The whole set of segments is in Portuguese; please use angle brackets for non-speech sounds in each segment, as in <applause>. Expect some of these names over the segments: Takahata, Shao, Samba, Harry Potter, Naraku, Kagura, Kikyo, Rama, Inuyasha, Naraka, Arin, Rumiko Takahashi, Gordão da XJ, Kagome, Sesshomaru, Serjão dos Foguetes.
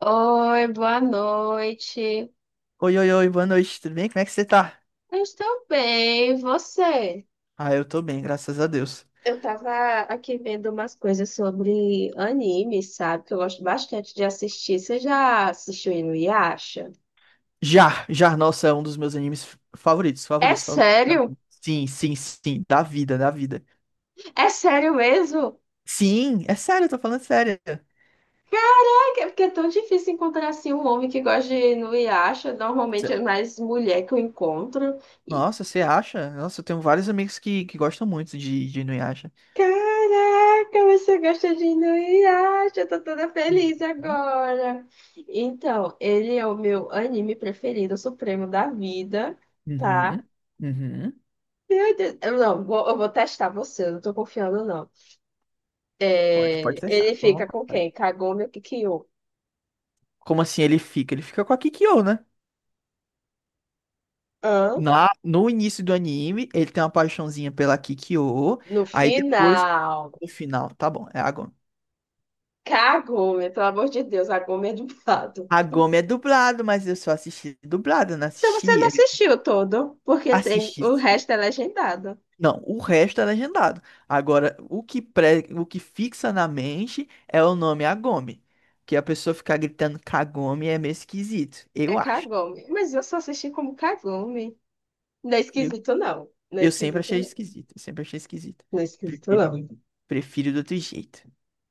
Oi, boa noite. Oi, oi, oi, boa noite, tudo bem? Como é que você tá? Eu estou bem, e você? Ah, eu tô bem, graças a Deus. Eu tava aqui vendo umas coisas sobre anime, sabe? Que eu gosto bastante de assistir. Você já assistiu Inuyasha? Já, já, nossa, é um dos meus animes favoritos, É favoritos, favoritos. sério? Sim, sim, sim, da vida, da vida. É sério mesmo? Sim, é sério, eu tô falando sério. Ai, porque é tão difícil encontrar assim um homem que gosta de Inuyasha. Cê- Normalmente é mais mulher que eu encontro. Nossa, você acha? Nossa, eu tenho vários amigos que gostam muito de Inuyasha. Caraca, você gosta de Inuyasha, eu tô toda Uhum, feliz agora. Então, ele é o meu anime preferido, o supremo da vida, tá? uhum. Uhum. Meu Deus, eu vou testar você, eu não tô confiando, não. Pode, pode É, ele testar, à fica com quem? vontade. Kagome ou Kikyo? Como assim ele fica? Ele fica com a Kikyo, né? Hã? Lá no início do anime, ele tem uma paixãozinha pela Kikyo. No Aí depois, final. no final, tá bom, é a Gomi. Kagome, pelo amor de Deus, a Gome é dublado. A Gomi é dublado, mas eu só assisti dublado, não Então você não assisti. É. assistiu todo, porque tem Assisti, o sim. resto é legendado. Não, o resto é legendado. Agora, o que fixa na mente é o nome Agome. Que a pessoa ficar gritando Kagome é meio esquisito, É eu acho. Kagome. Mas eu só assisti como Kagome. Não é Eu, esquisito, não. Não é eu sempre esquisito, achei não. esquisito, eu sempre achei esquisito. Não é esquisito, Prefiro, não. prefiro do outro jeito.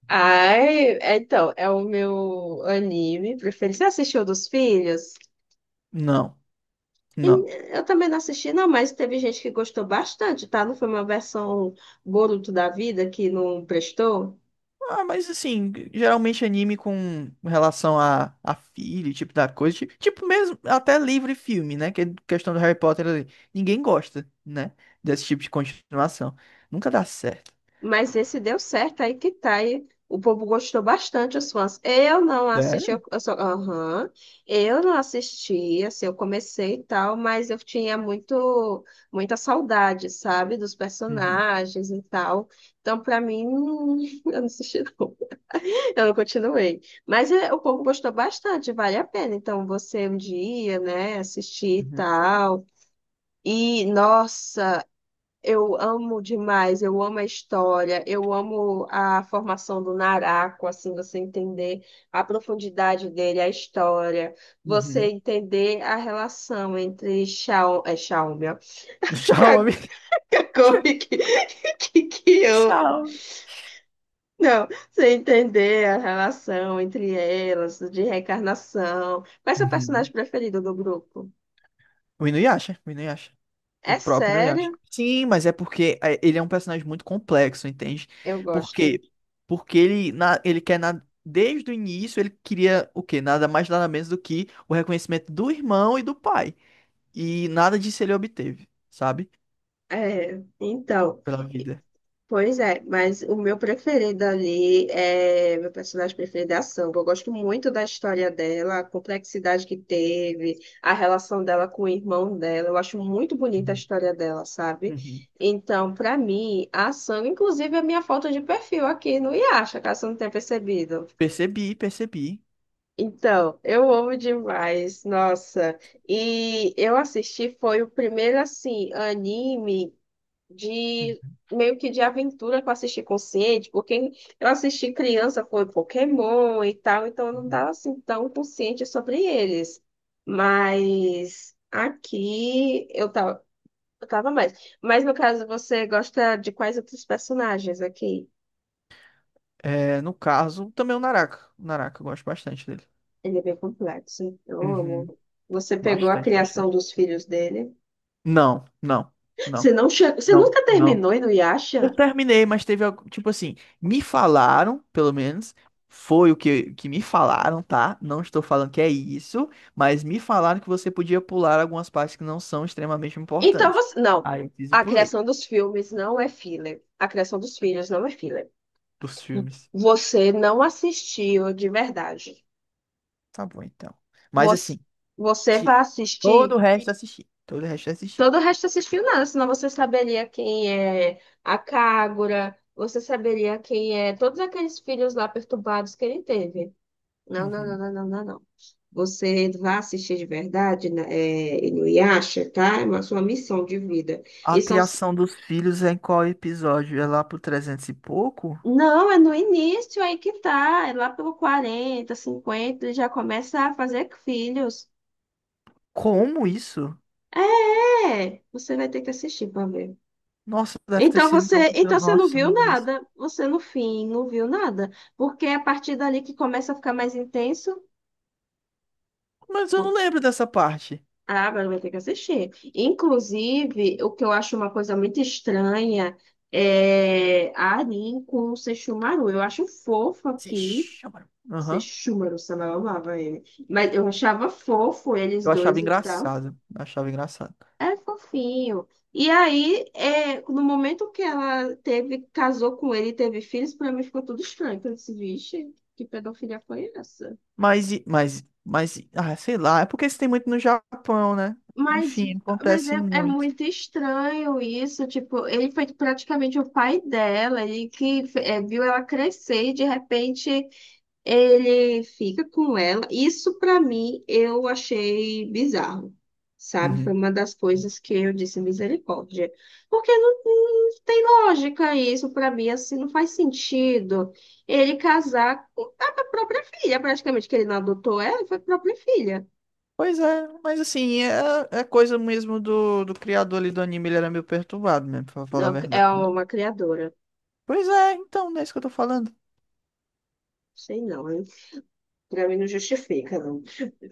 Ai, é, então, é o meu anime preferido. Você assistiu dos filhos? Não, E não. eu também não assisti, não, mas teve gente que gostou bastante, tá? Não foi uma versão Boruto da vida que não prestou? Ah, mas assim, geralmente anime com relação a filho, tipo da coisa, tipo, mesmo até livro e filme, né? Que é questão do Harry Potter ali. Ninguém gosta, né? Desse tipo de continuação. Nunca dá certo. Mas esse deu certo, aí que tá. E o povo gostou bastante, os fãs. Eu não assisti, Sério? eu só, aham, eu não assisti, assim, eu comecei e tal, mas eu tinha muita saudade, sabe, dos Uhum, personagens e tal. Então, pra mim, <laughs> eu não assisti, não. Eu não continuei. Mas é, o povo gostou bastante, vale a pena. Então, você um dia, né, assistir e uhum, tal. E, nossa. Eu amo demais, eu amo a história, eu amo a formação do Naraku, assim, você entender a profundidade dele, a história, você uhum. entender a relação entre Shao, é, Xiaomi, ó, <laughs> <laughs> Tchau, Ka- amigo. Kakome que eu, Tchau. não, você entender a relação entre elas, de reencarnação. Qual é seu personagem Uhum. preferido do grupo? O Inuyasha, o Inuyasha. O É próprio sério? Inuyasha. Sim, mas é porque é, ele é um personagem muito complexo, entende? Eu Por gosto. quê? Porque desde o início, ele queria o quê? Nada mais, nada menos do que o reconhecimento do irmão e do pai. E nada disso ele obteve, sabe? É, então. Pela vida. Pois é, mas o meu preferido ali é meu personagem preferido é a Samba. Eu gosto muito da história dela, a complexidade que teve, a relação dela com o irmão dela. Eu acho muito bonita a Uhum. história dela, sabe? Uhum. Então, pra mim, a Samba, inclusive, é a minha foto de perfil aqui no Yasha, caso você não tenha percebido. Percebi, percebi. Então, eu amo demais, nossa. E eu assisti, foi o primeiro, assim, anime de Uhum. meio que de aventura que eu assisti com porque eu assisti criança, foi Pokémon e tal, então eu não estava Uhum. assim tão consciente sobre eles. Mas aqui eu tava mais. Mas no caso, você gosta de quais outros personagens aqui? É, no caso, também o Naraka. O Naraka, eu gosto bastante dele. Ele é bem complexo, hein? Eu Uhum. amo. Você pegou a Bastante, criação bastante. dos filhos dele. Não, não, Você não, não che... Você não, nunca não. terminou no Eu Yasha? terminei, mas teve algo, tipo assim, me falaram, pelo menos, foi o que me falaram, tá? Não estou falando que é isso, mas me falaram que você podia pular algumas partes que não são extremamente Então importantes. você. Não. Aí eu fiz e A pulei criação dos filmes não é filler. A criação dos filhos não é filler. dos filmes. Você não assistiu de verdade. Tá bom, então. Mas Você, assim, você vai de- assistir. todo o resto eu assisti. Todo o resto eu assisti. Todo o resto assistiu nada, senão você saberia quem é a Kagura, você saberia quem é todos aqueles filhos lá perturbados que ele teve. Não, não, não, Uhum. não, não, não, não. Você vai assistir de verdade, né, é, Inuyasha, tá? É uma sua missão de vida. A E são, criação dos filhos é em qual episódio? É lá pro 300 e pouco? não, é no início aí que tá, é lá pelo 40, 50 ele já começa a fazer filhos. Como isso? É, você vai ter que assistir pra ver. Nossa, deve ter sido então. Então você não Nossa, viu meu Deus. nada, você no fim não viu nada, porque é a partir dali que começa a ficar mais intenso. Mas eu o- não lembro dessa parte. Ah, agora vai ter que assistir. Inclusive, o que eu acho uma coisa muito estranha é a Arin com o Sesshomaru. Eu acho fofo Se aqui, chama. você Aham. chuma no samba, eu amava ele. Mas eu achava fofo eles Eu achava dois e tal. engraçado, eu achava engraçado. É fofinho. E aí, é, no momento que ela teve, casou com ele e teve filhos, pra mim ficou tudo estranho. Eu disse, vixe, que pedofilia foi essa? Mas sei lá. É porque isso tem muito no Japão, né? Mas, Enfim, mas acontece é, é muito. muito estranho isso. Tipo, ele foi praticamente o pai dela, ele que é, viu ela crescer e de repente. Ele fica com ela. Isso pra mim eu achei bizarro, sabe? Foi Uhum. uma das coisas que eu disse misericórdia, porque não, não tem lógica isso pra mim, assim não faz sentido. Ele casar com a própria filha, praticamente que ele não adotou ela, foi a própria filha. Pois é, mas assim, é coisa mesmo do criador ali do anime, ele era meio perturbado mesmo, pra falar a Não, é verdade, né? uma criadora. Pois é, então, não é isso que eu tô falando. Sei não, pra mim não justifica, não.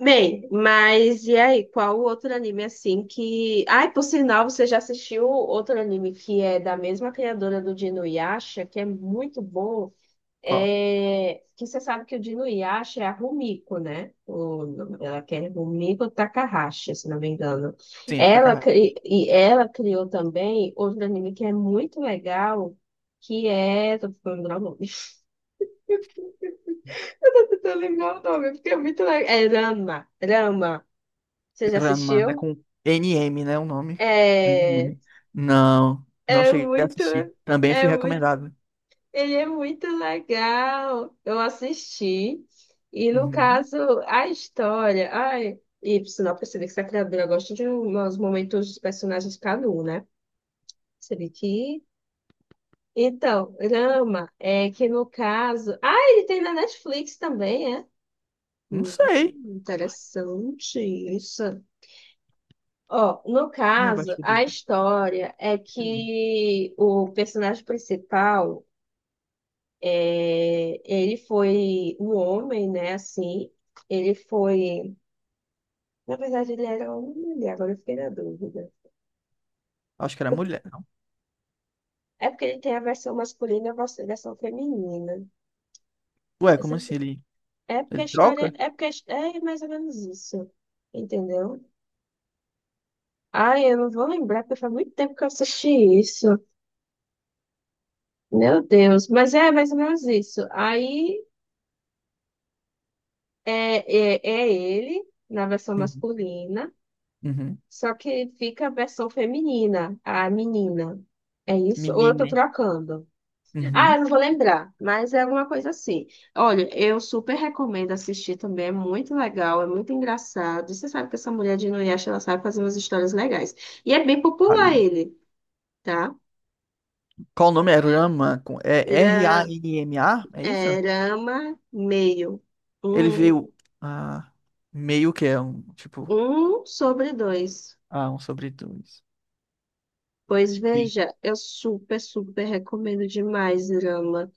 Bem, mas e aí, qual o outro anime assim que. Ai, por sinal, você já assistiu outro anime que é da mesma criadora do Dino Yasha, que é muito bom. Qual? É... Que você sabe que o Dino Yasha é a Rumiko, né? O nome dela que é Rumiko Takahashi, se não me engano. Sim, é Ela, Takahata. e ela criou também outro anime que é muito legal, que é. Tô falando o nome. <laughs> Eu tô lembrando o nome, porque é muito legal. É Rama, Rama. Você já Granma, é assistiu? com N M, né? O nome. N É M. Não, não é cheguei a muito, assistir. Também fui é muito, recomendado. ele é muito legal. Eu assisti. E no Uhum. caso, a história. Ai, e por sinal, percebi que essa criadora gosta de uns momentos dos personagens cada um, né? Percebi que. Então, Rama, é que no caso. Ah, ele tem na Netflix também, é? Não Hum, sei. interessante isso. Ó, no Ai, caso, abaixo a dele. história é Hum. que o personagem principal, é, ele foi um homem, né? Assim, ele foi. Na verdade, ele era um mulher, agora eu fiquei na dúvida. Acho que era mulher, não? É porque ele tem a versão masculina e a versão feminina. Ué, Eu como sempre- assim? Ele, É porque a ele história. troca? É mais ou menos isso. Entendeu? Ai, eu não vou lembrar, porque faz muito tempo que eu assisti isso. Meu Deus, mas é mais ou menos isso. Aí é, é, é ele na versão Uhum. masculina, Uhum. só que fica a versão feminina, a menina. É isso? Ou eu tô Menine. trocando? Ah, Uhum. eu não vou lembrar, mas é alguma coisa assim. Olha, eu super recomendo assistir também, é muito legal, é muito engraçado. E você sabe que essa mulher de Inuyasha, ela sabe fazer umas histórias legais. E é bem Sabe popular mesmo. ele, tá? Qual o nome? É Rama. É Era, Ranma? É isso? é, Rama meio. Ele Um, veio. Ah, meio que é um. Tipo. um sobre dois. Ah, um sobre dois. Pois Sim. veja, eu super recomendo demais drama.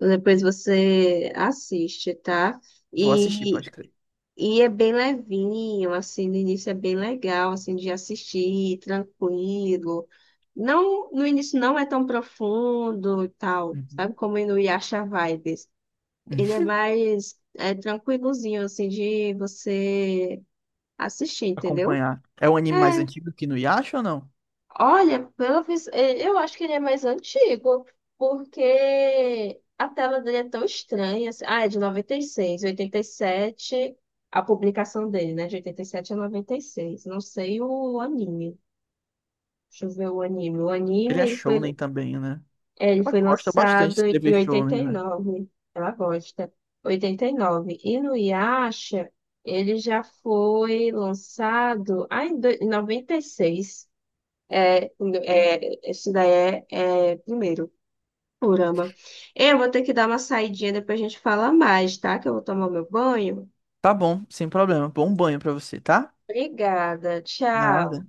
Depois você assiste, tá? Vou assistir, E pode crer. e é bem levinho, assim, no início é bem legal, assim, de assistir, tranquilo. Não, no início não é tão profundo e tal, sabe? Uhum. Como no Yasha Vibes. Ele é Hum. mais é, tranquilozinho, assim, de você assistir, entendeu? Acompanhar. É um anime mais É, antigo que no Yasha ou não? olha, eu acho que ele é mais antigo, porque a tela dele é tão estranha. Assim. Ah, é de 96, 87, a publicação dele, né? De 87 a 96. Não sei o anime. Deixa eu ver o anime. O Ele anime, é ele foi, shounen também, né? Ele Ela foi gosta bastante de lançado escrever em shounen, né? 89. Ela gosta. 89. E nove. E no Yasha, ele já foi lançado em 96. É, é, isso daí é, é primeiro. Caramba. Eu vou ter que dar uma saidinha, depois a gente fala mais, tá? Que eu vou tomar meu banho. Tá bom, sem problema. Bom banho pra você, tá? Obrigada. Tchau. Nada.